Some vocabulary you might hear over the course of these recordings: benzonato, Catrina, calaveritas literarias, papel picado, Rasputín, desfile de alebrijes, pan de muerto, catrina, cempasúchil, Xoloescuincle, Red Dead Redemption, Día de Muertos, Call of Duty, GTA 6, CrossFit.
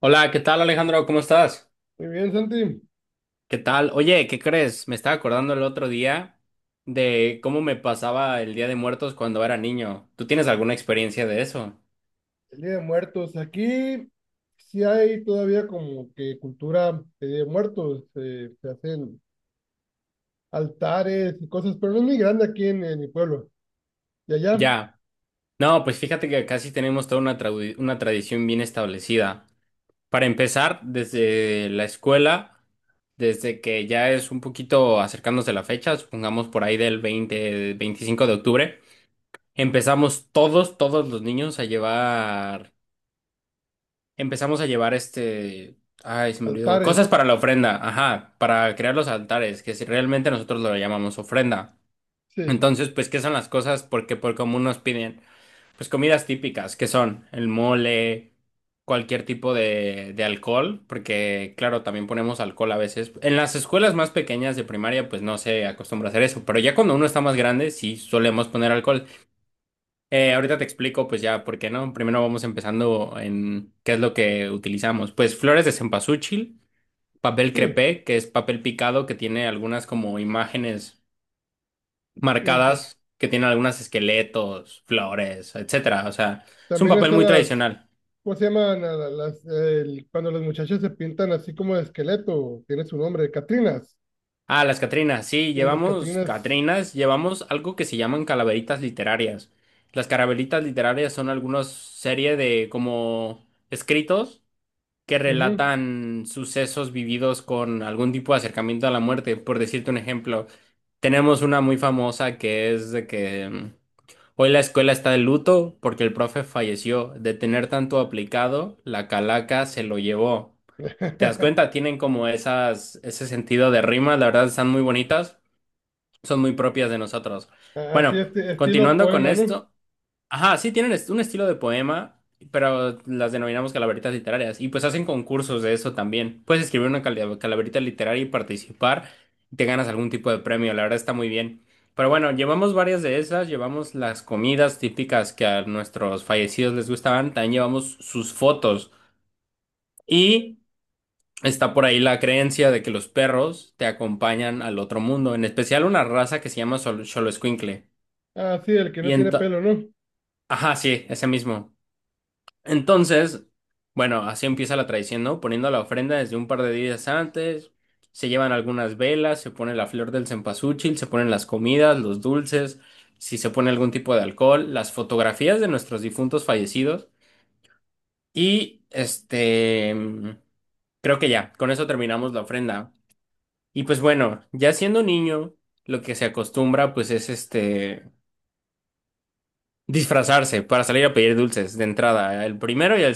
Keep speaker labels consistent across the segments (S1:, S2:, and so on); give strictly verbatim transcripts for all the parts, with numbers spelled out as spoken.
S1: Hola, ¿qué tal Alejandro? ¿Cómo estás?
S2: Muy bien, Santi.
S1: ¿Qué tal? Oye, ¿qué crees? Me estaba acordando el otro día de cómo me pasaba el Día de Muertos cuando era niño. ¿Tú tienes alguna experiencia de eso?
S2: El Día de Muertos. Aquí sí hay todavía como que cultura de Día de Muertos. Eh, se hacen altares y cosas, pero no es muy grande aquí en, en mi pueblo. Y allá,
S1: Ya. No, pues fíjate que casi tenemos toda una, trau- una tradición bien establecida. Para empezar, desde la escuela, desde que ya es un poquito acercándose la fecha, supongamos por ahí del veinte, veinticinco de octubre, empezamos todos, todos los niños a llevar Empezamos a llevar este... Ay, se me olvidó. Cosas
S2: altares.
S1: para la ofrenda, ajá, para crear los altares, que si realmente nosotros lo llamamos ofrenda.
S2: Sí,
S1: Entonces, pues, ¿qué son las cosas? Porque por común nos piden, pues, comidas típicas, que son el mole, cualquier tipo de, de alcohol, porque, claro, también ponemos alcohol a veces. En las escuelas más pequeñas de primaria, pues, no se acostumbra a hacer eso, pero ya cuando uno está más grande, sí solemos poner alcohol. Eh, ahorita te explico, pues ya, ¿por qué no? Primero vamos empezando en qué es lo que utilizamos. Pues flores de cempasúchil, papel
S2: sí.
S1: crepé, que es papel picado que tiene algunas como imágenes
S2: Erika.
S1: marcadas, que tiene algunos esqueletos, flores, etcétera. O sea, es un
S2: También
S1: papel
S2: están
S1: muy
S2: las,
S1: tradicional.
S2: ¿cómo se llaman? A la- Las, el- cuando las muchachas se pintan así como de esqueleto, tiene su nombre, Catrinas.
S1: Ah, las catrinas, sí,
S2: Y las
S1: llevamos
S2: Catrinas.
S1: catrinas, llevamos algo que se llaman calaveritas literarias. Las calaveritas literarias son algunas serie de como escritos que
S2: Ujú.
S1: relatan sucesos vividos con algún tipo de acercamiento a la muerte. Por decirte un ejemplo, tenemos una muy famosa que es de que mm, hoy la escuela está de luto porque el profe falleció. De tener tanto aplicado, la calaca se lo llevó. ¿Te das cuenta? Tienen como esas, ese sentido de rima, la verdad están muy bonitas, son muy propias de nosotros.
S2: Así,
S1: Bueno,
S2: este, estilo
S1: continuando con
S2: poema, ¿no?
S1: esto. Ajá, sí, tienen est- un estilo de poema, pero las denominamos calaveritas literarias. Y pues hacen concursos de eso también. Puedes escribir una cala- calaverita literaria y participar. Y Te ganas algún tipo de premio, la verdad está muy bien. Pero bueno, llevamos varias de esas, llevamos las comidas típicas que a nuestros fallecidos les gustaban, también llevamos sus fotos. Y está por ahí la creencia de que los perros te acompañan al otro mundo, en especial una raza que se llama Xol- Xoloescuincle.
S2: Ah, sí, el que no
S1: Y
S2: tiene
S1: entonces.
S2: pelo, ¿no?
S1: Ajá, sí, ese mismo. Entonces, bueno, así empieza la tradición, ¿no? Poniendo la ofrenda desde un par de días antes, se llevan algunas velas, se pone la flor del cempasúchil, se ponen las comidas, los dulces, si se pone algún tipo de alcohol, las fotografías de nuestros difuntos fallecidos y este, creo que ya, con eso terminamos la ofrenda. Y pues bueno, ya siendo niño, lo que se acostumbra pues es este disfrazarse para salir a pedir dulces de entrada, el primero y el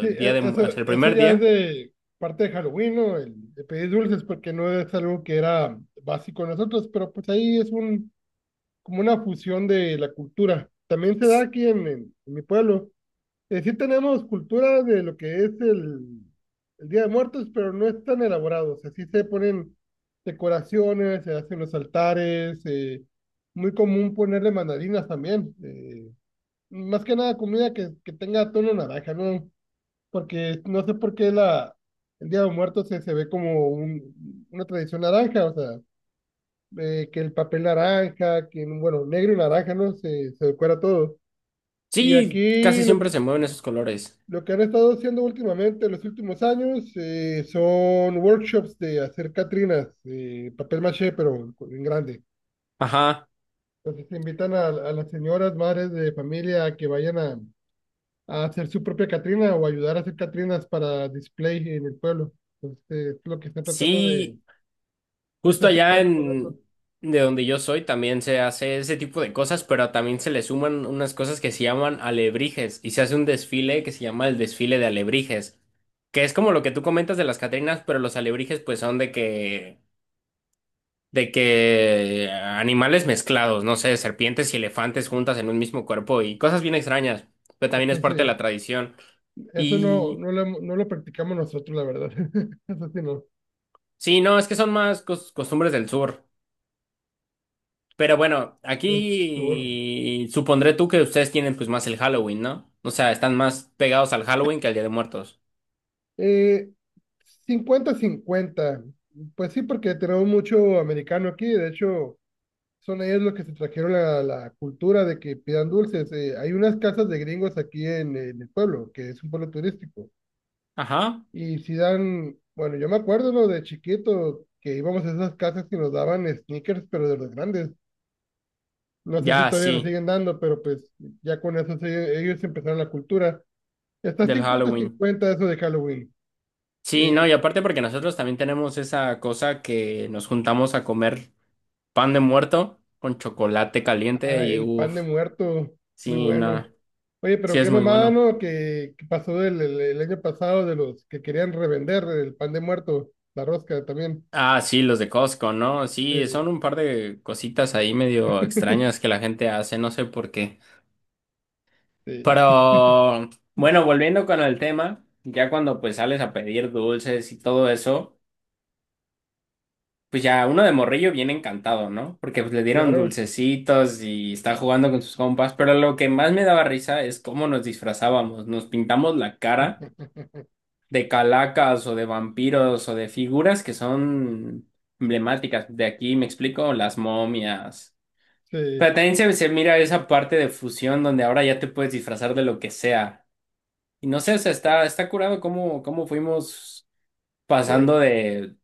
S2: Sí,
S1: día
S2: e-
S1: de, o sea,
S2: eso,
S1: el
S2: eso
S1: primer
S2: ya es
S1: día.
S2: de parte de Halloween, ¿no? El, de pedir dulces, porque no es algo que era básico en nosotros, pero pues ahí es un, como una fusión de la cultura. También se da aquí en, en- en mi pueblo. Eh, sí tenemos cultura de lo que es el, el Día de Muertos, pero no es tan elaborado. O sea, sí se ponen decoraciones, se hacen los altares, eh, muy común ponerle mandarinas también. Eh, más que nada comida que, que tenga tono naranja, ¿no? Porque no sé por qué la, el Día de Muertos se, se ve como un, una tradición naranja, o sea, eh, que el papel naranja, que, bueno, negro y naranja, ¿no? Se, se decora todo. Y
S1: Sí, casi
S2: aquí lo
S1: siempre
S2: que,
S1: se mueven esos colores.
S2: lo que han estado haciendo últimamente, en los últimos años, eh, son workshops de hacer catrinas, eh, papel maché, pero en grande.
S1: Ajá.
S2: Entonces se invitan a, a las señoras, madres de familia, a que vayan a a hacer su propia Catrina o ayudar a hacer Catrinas para display en el pueblo. Entonces, es lo que están tratando de,
S1: Sí, justo
S2: están
S1: allá
S2: tratando de lograr los.
S1: en de donde yo soy también se hace ese tipo de cosas, pero también se le suman unas cosas que se llaman alebrijes y se hace un desfile que se llama el desfile de alebrijes, que es como lo que tú comentas de las Catrinas, pero los alebrijes pues son de que de que animales mezclados, no sé, serpientes y elefantes juntas en un mismo cuerpo y cosas bien extrañas, pero también es parte de
S2: Sí.
S1: la tradición.
S2: Eso no,
S1: Y
S2: no lo, no lo practicamos nosotros, la verdad. Eso sí, no,
S1: Sí, no, es que son más cos- costumbres del sur. Pero bueno,
S2: del sur.
S1: aquí supondré tú que ustedes tienen pues más el Halloween, ¿no? O sea, están más pegados al Halloween que al Día de Muertos.
S2: Eh, cincuenta 50. Pues sí, porque tenemos mucho americano aquí. De hecho, son ellos los que se trajeron la, la cultura de que pidan dulces. Eh, hay unas casas de gringos aquí en, en el pueblo, que es un pueblo turístico.
S1: Ajá.
S2: Y Zidane, bueno, yo me acuerdo, ¿no? De chiquito, que íbamos a esas casas que nos daban sneakers, pero de los grandes. No sé si
S1: Ya,
S2: todavía lo
S1: sí,
S2: siguen dando, pero pues ya con eso se- ellos empezaron la cultura. Está
S1: del
S2: 50
S1: Halloween.
S2: cincuenta eso de Halloween.
S1: Sí, no,
S2: Y,
S1: y aparte porque nosotros también tenemos esa cosa que nos juntamos a comer pan de muerto con chocolate caliente
S2: ah,
S1: y
S2: el pan de
S1: uff,
S2: muerto, muy
S1: sí,
S2: bueno.
S1: no,
S2: Oye,
S1: sí
S2: pero
S1: es
S2: qué
S1: muy
S2: mamada,
S1: bueno.
S2: ¿no? Que, que pasó el, el, el año pasado de los que querían revender el pan de muerto, la rosca también.
S1: Ah, sí, los de Costco, ¿no? Sí,
S2: Sí,
S1: son un par de cositas ahí medio extrañas que la gente hace, no sé por qué.
S2: sí,
S1: Pero bueno, volviendo con el tema, ya cuando pues sales a pedir dulces y todo eso, pues ya uno de morrillo viene encantado, ¿no? Porque pues le dieron
S2: claro.
S1: dulcecitos y está jugando con sus compas, pero lo que más me daba risa es cómo nos disfrazábamos, nos pintamos la cara de calacas o de vampiros o de figuras que son emblemáticas. De aquí me explico, las momias. Pero
S2: Sí.
S1: también se, se mira esa parte de fusión donde ahora ya te puedes disfrazar de lo que sea. Y no sé, o sea, está, está curado cómo, cómo fuimos
S2: Eh,
S1: pasando de,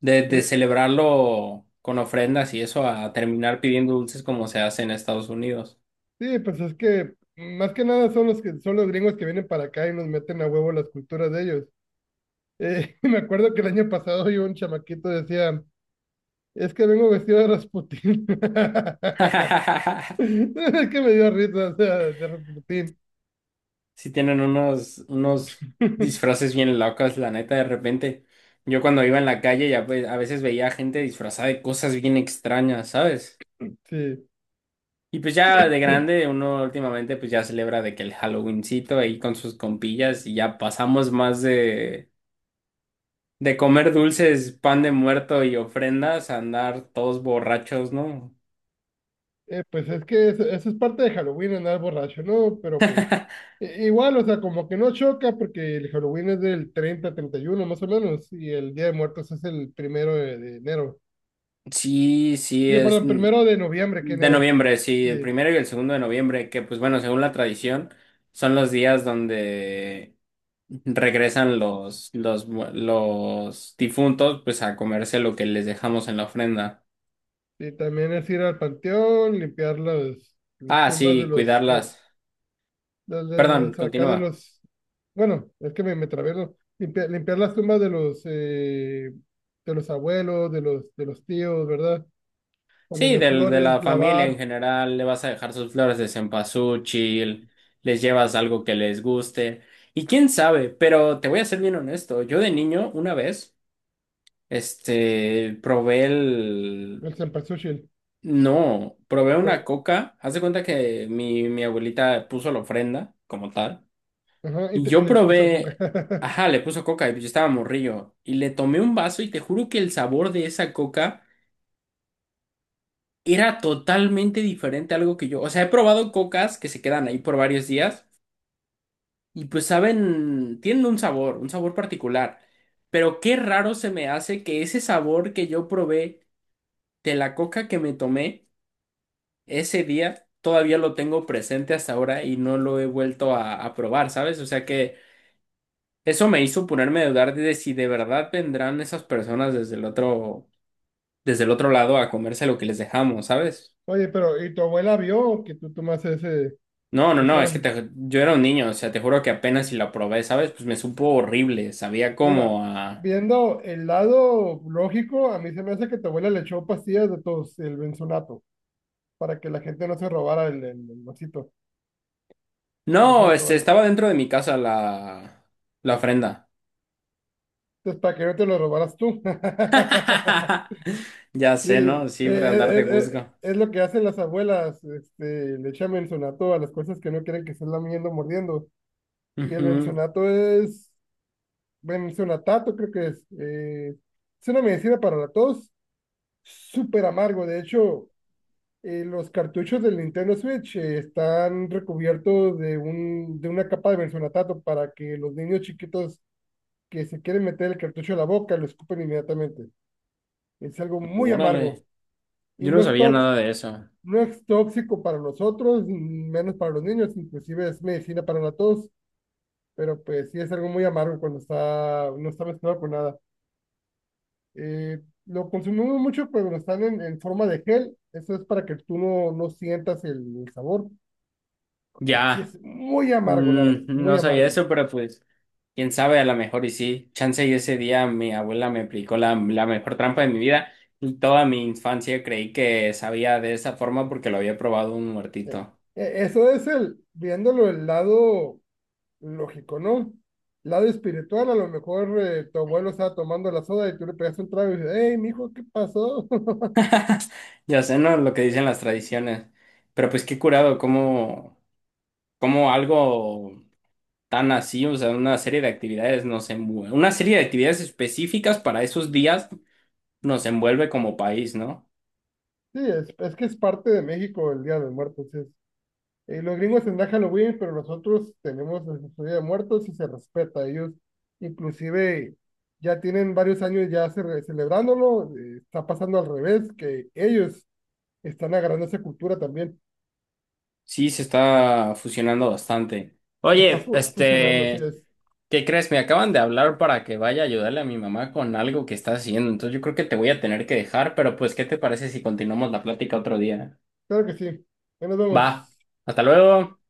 S1: de, de
S2: eh,
S1: celebrarlo con ofrendas y eso a terminar pidiendo dulces como se hace en Estados Unidos.
S2: Sí, pues es que más que nada son los que son los gringos que vienen para acá y nos meten a huevo las culturas de ellos. Eh, me acuerdo que el año pasado yo un chamaquito decía, es que vengo vestido de Rasputín. Es que me dio risa, o sea, de Rasputín.
S1: Sí tienen unos, unos disfraces bien locos, la neta, de repente. Yo cuando iba en la calle ya pues, a veces veía gente disfrazada de cosas bien extrañas, ¿sabes?
S2: Sí.
S1: Y pues ya de grande uno últimamente pues ya celebra de que el Halloweencito ahí con sus compillas y ya pasamos más de De comer dulces, pan de muerto y ofrendas, a andar todos borrachos, ¿no?
S2: Eh, pues es que eso, eso es parte de Halloween, andar borracho, ¿no? Pero pues i- igual, o sea, como que no choca porque el Halloween es del treinta treinta y uno más o menos, y el Día de Muertos es el primero de, de enero.
S1: Sí, sí,
S2: Sí,
S1: es
S2: perdón,
S1: mm,
S2: primero de noviembre, que
S1: de
S2: enero.
S1: noviembre, sí, el
S2: Sí,
S1: primero y el segundo de noviembre, que pues bueno, según la tradición, son los días donde regresan los, los, mu- los difuntos, pues a comerse lo que les dejamos en la ofrenda.
S2: y también es ir al panteón, limpiar las, las
S1: Ah,
S2: tumbas de
S1: sí,
S2: los, del
S1: cuidarlas.
S2: de- de
S1: Perdón,
S2: los, acá de
S1: continúa.
S2: los, bueno, es que me, me trabé, ¿no? Limpiar, limpiar las tumbas de los, eh, de los abuelos, de los, de los tíos, ¿verdad?
S1: Sí,
S2: Ponerle
S1: del, de
S2: flores,
S1: la familia en
S2: lavar,
S1: general, le vas a dejar sus flores de cempasúchil, les llevas algo que les guste, y quién sabe, pero te voy a ser bien honesto, yo de niño una vez, este, probé el.
S2: el cempasúchil.
S1: No, probé una
S2: Pero.
S1: coca, haz de cuenta que mi, mi abuelita puso la ofrenda como tal,
S2: Ajá, y,
S1: y
S2: te- y
S1: yo
S2: le puso coca.
S1: probé, ajá, le puso coca y yo estaba morrillo, y le tomé un vaso y te juro que el sabor de esa coca. Era totalmente diferente a algo que yo. O sea, he probado cocas que se quedan ahí por varios días y pues saben, tienen un sabor, un sabor particular. Pero qué raro se me hace que ese sabor que yo probé de la coca que me tomé ese día todavía lo tengo presente hasta ahora y no lo he vuelto a a probar, ¿sabes? O sea que eso me hizo ponerme a dudar de si de verdad vendrán esas personas desde el otro, desde el otro lado a comerse lo que les dejamos, ¿sabes?
S2: Oye, pero, ¿y tu abuela vio que tú tomas ese,
S1: No, no,
S2: ese
S1: no, es que
S2: vaso?
S1: te- yo era un niño, o sea, te juro que apenas si la probé, ¿sabes? Pues me supo horrible, sabía
S2: Mira,
S1: como a.
S2: viendo el lado lógico, a mí se me hace que tu abuela le echó pastillas de tos, el benzonato, para que la gente no se robara el, el, el vasito, que no se
S1: No,
S2: lo
S1: este,
S2: tomara.
S1: estaba dentro de mi casa la, la ofrenda.
S2: Entonces, para que no te lo robaras tú.
S1: Ya
S2: Sí,
S1: sé,
S2: eh,
S1: ¿no? Sí,
S2: eh,
S1: para andar de
S2: eh, eh,
S1: juzgo.
S2: es lo que hacen las abuelas, este, le echan benzonato a las cosas que no quieren que se la lamiendo, mordiendo. Y el
S1: Ujú.
S2: benzonato es, benzonatato creo que es, eh, es una medicina para la tos, súper amargo. De hecho, eh, los cartuchos del Nintendo Switch eh, están recubiertos de, un, de una capa de benzonatato para que los niños chiquitos que se quieren meter el cartucho a la boca, y lo escupen inmediatamente. Es algo muy amargo
S1: Órale,
S2: y
S1: yo
S2: no
S1: no
S2: es
S1: sabía
S2: tóxico,
S1: nada de eso.
S2: no es tóxico para nosotros, menos para los niños, inclusive es medicina para la tos, pero pues sí es algo muy amargo cuando está, no está mezclado con nada. Eh, lo consumimos mucho pero cuando están en, en, forma de gel, eso es para que tú no, no sientas el, el sabor, porque sí
S1: Ya,
S2: es muy amargo, la verdad,
S1: mm,
S2: muy
S1: no sabía
S2: amargo.
S1: eso, pero pues. Quién sabe, a lo mejor y sí. Chance y ese día mi abuela me aplicó la, la mejor trampa de mi vida y toda mi infancia creí que sabía de esa forma porque lo había probado un
S2: Eh,
S1: muertito.
S2: eh, Eso es el, viéndolo el lado lógico, ¿no? Lado espiritual, a lo mejor eh, tu abuelo estaba tomando la soda y tú le pegaste un trago y dices, hey, mijo, ¿qué pasó?
S1: Ya sé, ¿no? Lo que dicen las tradiciones. Pero pues qué curado, como algo tan así, o sea, una serie de actividades nos envuelve, una serie de actividades específicas para esos días nos envuelve como país, ¿no?
S2: Sí, es, es que es parte de México el Día de Muertos. Sí. Es, eh, los gringos tendrán Halloween, pero nosotros tenemos el Día de Muertos y se respeta. Ellos inclusive ya tienen varios años ya ce- celebrándolo. Eh, está pasando al revés, que ellos están agarrando esa cultura también.
S1: Sí, se está fusionando bastante.
S2: Se está
S1: Oye,
S2: fu- fusionando, así
S1: este...
S2: es.
S1: ¿qué crees? Me acaban de hablar para que vaya a ayudarle a mi mamá con algo que está haciendo. Entonces yo creo que te voy a tener que dejar, pero pues, ¿qué te parece si continuamos la plática otro día?
S2: Claro que sí. Ahí nos
S1: Va,
S2: vemos.
S1: hasta luego.